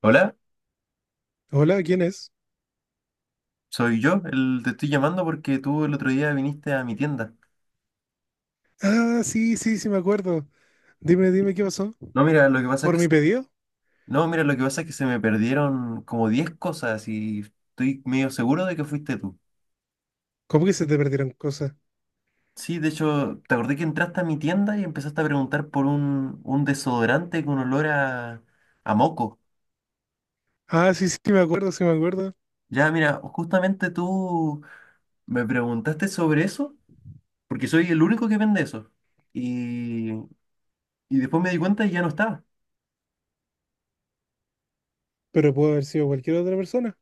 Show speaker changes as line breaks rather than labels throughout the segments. Hola,
Hola, ¿quién es?
soy yo, te estoy llamando porque tú el otro día viniste a mi tienda.
Ah, sí, sí, sí, me acuerdo. Dime, dime, ¿qué pasó?
No, mira, lo que pasa es que,
¿Por mi pedido?
no, mira, lo que pasa es que se me perdieron como 10 cosas y estoy medio seguro de que fuiste tú.
¿Cómo que se te perdieron cosas?
Sí, de hecho, te acordé que entraste a mi tienda y empezaste a preguntar por un desodorante con olor a moco.
Ah, sí, sí, me acuerdo, sí, me acuerdo.
Ya, mira, justamente tú me preguntaste sobre eso porque soy el único que vende eso. Y después me di cuenta y ya no estaba.
Pero pudo haber sido cualquier otra persona.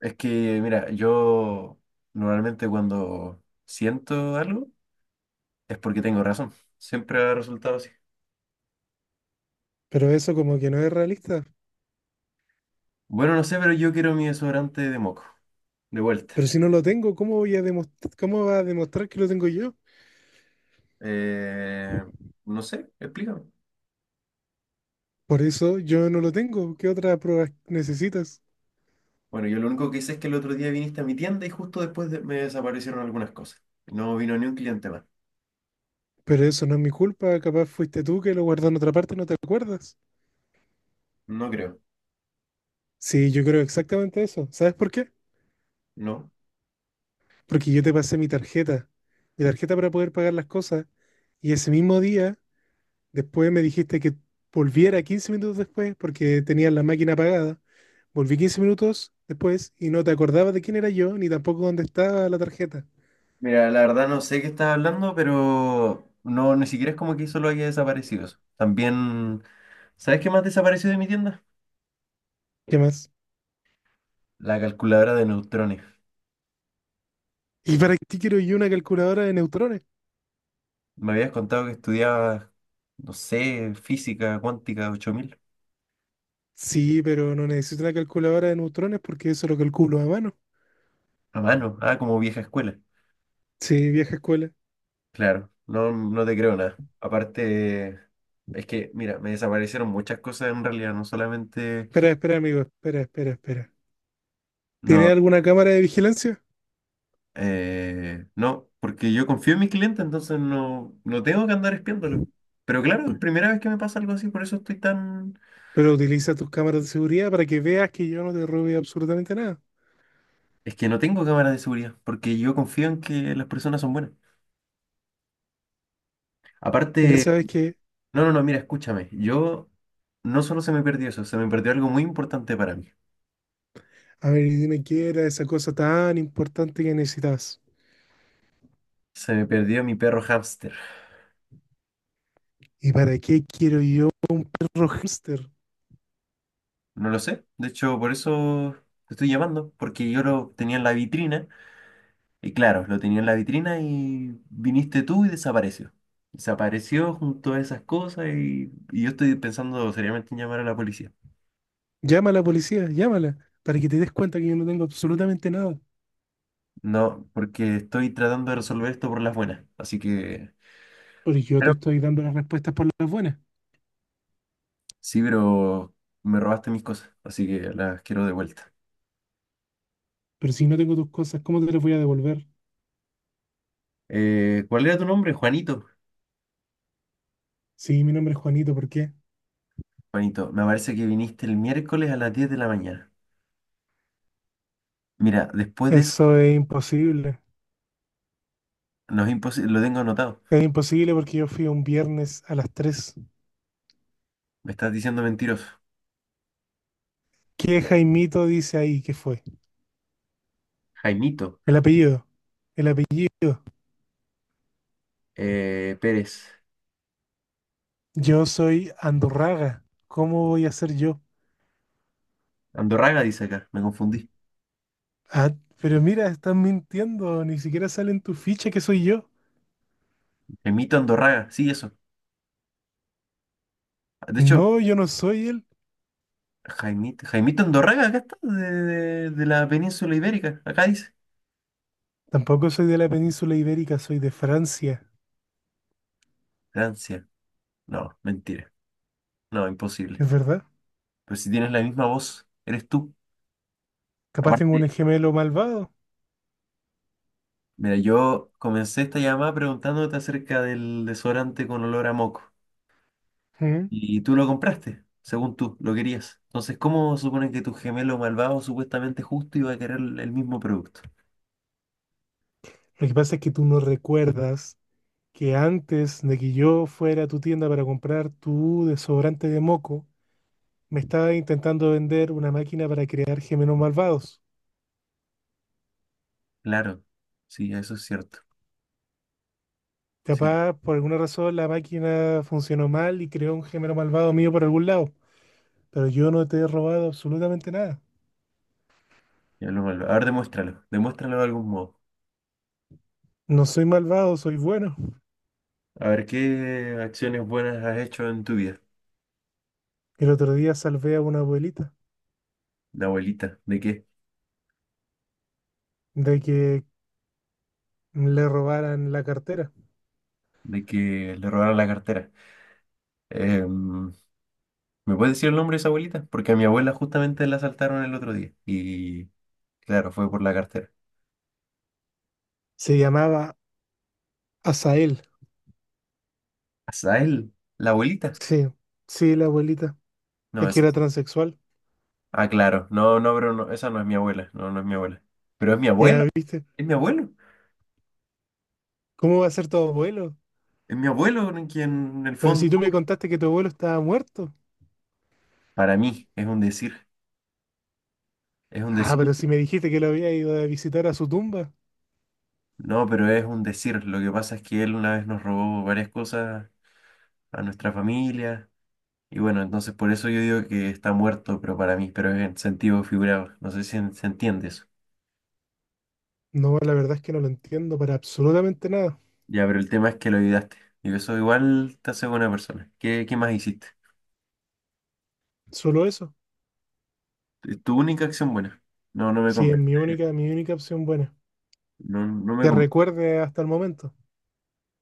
Es que, mira, yo normalmente cuando siento algo es porque tengo razón. Siempre ha resultado así.
Pero eso como que no es realista.
Bueno, no sé, pero yo quiero mi desodorante de moco. De vuelta.
Pero si no lo tengo, ¿cómo voy a demostrar, cómo va a demostrar que lo tengo yo?
Eh, no sé, explícame.
Por eso yo no lo tengo. ¿Qué otras pruebas necesitas?
Bueno, yo lo único que hice es que el otro día viniste a mi tienda y justo después me desaparecieron algunas cosas. No vino ni un cliente más.
Pero eso no es mi culpa. Capaz fuiste tú que lo guardó en otra parte y no te acuerdas.
No creo.
Sí, yo creo exactamente eso. ¿Sabes por qué?
No.
Porque yo te pasé mi tarjeta para poder pagar las cosas, y ese mismo día, después me dijiste que volviera 15 minutos después, porque tenías la máquina apagada, volví 15 minutos después y no te acordabas de quién era yo, ni tampoco dónde estaba la tarjeta.
Mira, la verdad no sé qué estás hablando, pero no, ni siquiera es como que solo haya desaparecido eso. También, ¿sabes qué más desapareció de mi tienda?
¿Qué más?
La calculadora de neutrones.
¿Y para qué quiero yo una calculadora de neutrones?
Me habías contado que estudiabas, no sé, física cuántica 8000.
Sí, pero no necesito una calculadora de neutrones porque eso lo calculo a mano.
A mano. Ah, como vieja escuela.
Sí, vieja escuela.
Claro, no, no te creo nada. Aparte, es que, mira, me desaparecieron muchas cosas en realidad, no solamente...
Espera, espera, amigo, espera, espera, espera. ¿Tiene
No,
alguna cámara de vigilancia?
no, porque yo confío en mis clientes, entonces no, no tengo que andar espiándolos. Pero claro, es primera vez que me pasa algo así, por eso estoy tan...
Pero utiliza tus cámaras de seguridad para que veas que yo no te robe absolutamente nada.
Es que no tengo cámaras de seguridad, porque yo confío en que las personas son buenas.
Mira,
Aparte...
sabes que,
No, no, no, mira, escúchame. Yo no solo se me perdió eso, se me perdió algo muy importante para mí.
a ver, y dime qué era esa cosa tan importante que necesitas.
Se me perdió mi perro hámster.
¿Y para qué quiero yo, un perro hámster?
No lo sé. De hecho, por eso te estoy llamando, porque yo lo tenía en la vitrina. Y claro, lo tenía en la vitrina y viniste tú y desapareció. Desapareció junto a esas cosas y yo estoy pensando seriamente en llamar a la policía.
Llama a la policía, llámala, para que te des cuenta que yo no tengo absolutamente nada.
No, porque estoy tratando de resolver esto por las buenas. Así que...
Porque yo te
Pero...
estoy dando las respuestas por las buenas.
Sí, pero me robaste mis cosas, así que las quiero de vuelta.
Pero si no tengo tus cosas, ¿cómo te las voy a devolver?
¿Cuál era tu nombre? Juanito.
Sí, mi nombre es Juanito, ¿por qué?
Juanito, me parece que viniste el miércoles a las 10 de la mañana. Mira, después de eso,
Eso es imposible.
no es imposible, lo tengo anotado.
Es imposible porque yo fui un viernes a las 3.
Me estás diciendo mentiroso.
¿Qué Jaimito dice ahí que fue?
Jaimito
El apellido, el apellido.
Pérez.
Yo soy Andorraga. ¿Cómo voy a ser yo?
Andorraga dice acá, me confundí.
Ah, pero mira, estás mintiendo. Ni siquiera sale en tu ficha que soy yo.
Jaimito Andorraga, sí, eso. De hecho,
No, yo no soy él.
Jaimito, Jaimito Andorraga, acá está, de la península ibérica, acá dice.
Tampoco soy de la península ibérica, soy de Francia.
Francia. No, mentira. No, imposible.
¿Es verdad?
Pero si tienes la misma voz, eres tú.
Capaz tengo
Aparte,
un gemelo malvado.
mira, yo comencé esta llamada preguntándote acerca del desodorante con olor a moco.
¿Mm?
Y tú lo compraste, según tú, lo querías. Entonces, ¿cómo suponen que tu gemelo malvado, supuestamente justo, iba a querer el mismo producto?
Lo que pasa es que tú no recuerdas que antes de que yo fuera a tu tienda para comprar tu desodorante de moco, me estaba intentando vender una máquina para crear gemelos malvados.
Claro, sí, eso es cierto. Sí,
Capaz, por alguna razón, la máquina funcionó mal y creó un gemelo malvado mío por algún lado. Pero yo no te he robado absolutamente nada.
gemelo malvado. A ver, demuéstralo. Demuéstralo de algún modo.
No soy malvado, soy bueno.
A ver, ¿qué acciones buenas has hecho en tu vida?
El otro día salvé a una abuelita
La abuelita, ¿de qué?
de que le robaran la cartera.
De que le robaron la cartera. Em, ¿Me puedes decir el nombre de esa abuelita? Porque a mi abuela justamente la asaltaron el otro día. Y claro, fue por la cartera.
Se llamaba Asael.
¿Azael? ¿La abuelita?
Sí, sí, la abuelita.
No,
Es que
esa.
era transexual.
Ah, claro. No, no, pero no, esa no es mi abuela. No, no es mi abuela. Pero es mi abuelo.
Ya viste.
Es mi abuelo.
¿Cómo va a ser tu abuelo?
Es mi abuelo en quien, en el
Pero
fondo,
si tú me contaste que tu abuelo estaba muerto.
para mí es un decir. Es un
Ah,
decir.
pero si me dijiste que lo había ido a visitar a su tumba.
No, pero es un decir. Lo que pasa es que él una vez nos robó varias cosas a nuestra familia. Y bueno, entonces por eso yo digo que está muerto, pero para mí, pero es en sentido figurado. No sé si se entiende eso.
No, la verdad es que no lo entiendo para absolutamente nada.
Ya, pero el tema es que lo olvidaste. Y eso igual te hace buena persona. ¿Qué, qué más hiciste?
Solo eso.
Tu única acción buena. No, no me
Sí, es
convence.
mi única opción buena.
No, no me
Que
convence.
recuerde hasta el momento.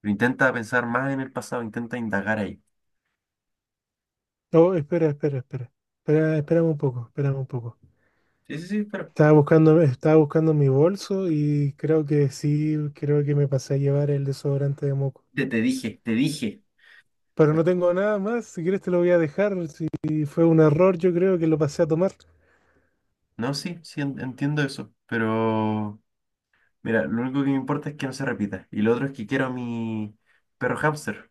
Pero intenta pensar más en el pasado, intenta indagar ahí.
Oh, espera, espera, espera. Espera, espérame un poco, espérame un poco.
Sí, sí, sí, pero
Estaba buscando mi bolso y creo que sí, creo que me pasé a llevar el desodorante de moco.
te dije, te dije.
Pero no tengo nada más, si quieres te lo voy a dejar. Si fue un error, yo creo que lo pasé a tomar.
No, sí, sí, entiendo eso. Pero mira, lo único que me importa es que no se repita. Y lo otro es que quiero a mi perro hámster.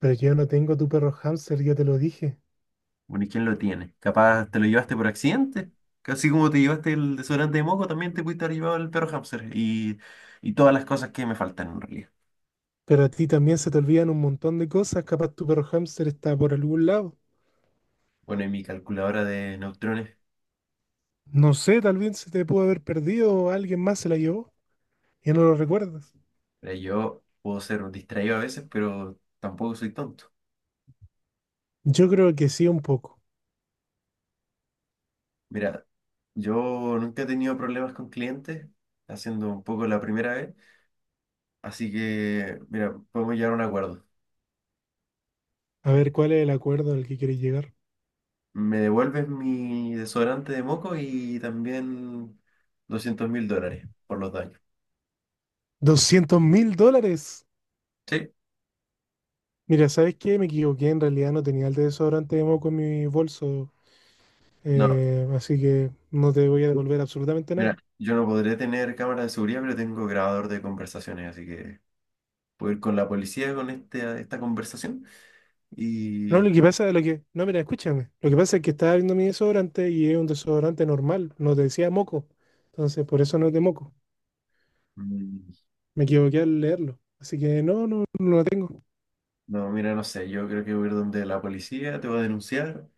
Pero yo no tengo tu perro hámster, ya te lo dije.
Bueno, ¿y quién lo tiene? Capaz te lo llevaste por accidente. Casi como te llevaste el desodorante de moco, también te pudiste haber llevado el perro hámster. Y todas las cosas que me faltan en realidad.
Pero a ti también se te olvidan un montón de cosas, capaz tu perro hámster está por algún lado.
Bueno, y mi calculadora de neutrones.
No sé, tal vez se te pudo haber perdido, alguien más se la llevó y no lo recuerdas.
Mira, yo puedo ser un distraído a veces, pero tampoco soy tonto.
Yo creo que sí, un poco.
Mira, yo nunca he tenido problemas con clientes, haciendo un poco la primera vez, así que, mira, podemos llegar a un acuerdo.
A ver, ¿cuál es el acuerdo al que quieres llegar?
Me devuelves mi desodorante de moco y también $200.000 por los daños.
¡$200.000!
Sí,
Mira, ¿sabes qué? Me equivoqué, en realidad no tenía el desodorante de moco en mi bolso,
no,
así que no te voy a devolver absolutamente
mira,
nada.
yo no podré tener cámara de seguridad, pero tengo grabador de conversaciones, así que puedo ir con la policía con esta conversación
No,
y...
lo que pasa es lo que... No, mira, escúchame. Lo que pasa es que estaba viendo mi desodorante y es un desodorante normal, no te decía moco. Entonces, por eso no es de moco.
Mm.
Me equivoqué al leerlo. Así que no, no, no lo tengo.
No, mira, no sé, yo creo que voy a ir donde la policía te va a denunciar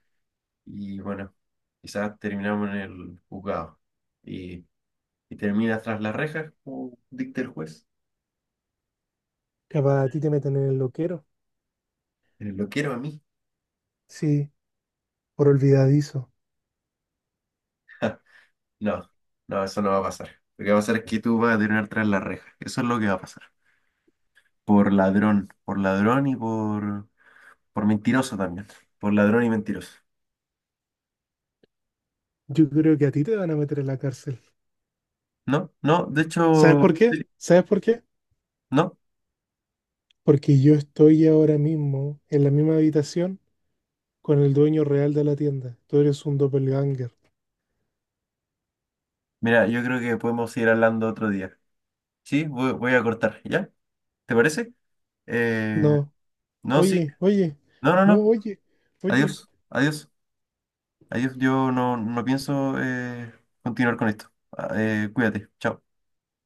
y bueno, quizás terminamos en el juzgado y, y termina tras las rejas como dicta el juez.
Capaz a ti te meten en el loquero.
Lo quiero a mí.
Sí, por olvidadizo.
No, no, eso no va a pasar. Lo que va a pasar es que tú vas a terminar tras las rejas. Eso es lo que va a pasar. Por ladrón y por mentiroso también. Por ladrón y mentiroso.
Yo creo que a ti te van a meter en la cárcel.
No, no, de
¿Sabes
hecho,
por qué?
sí,
¿Sabes por qué?
no.
Porque yo estoy ahora mismo en la misma habitación con el dueño real de la tienda. Tú eres un doppelganger.
Mira, yo creo que podemos seguir hablando otro día. Sí, voy a cortar, ¿ya? ¿Te parece? Eh,
No.
no, sí.
Oye, oye.
No, no,
No,
no.
oye. Oye.
Adiós. Adiós. Adiós. Yo no, no pienso continuar con esto. Ah, cuídate. Chao.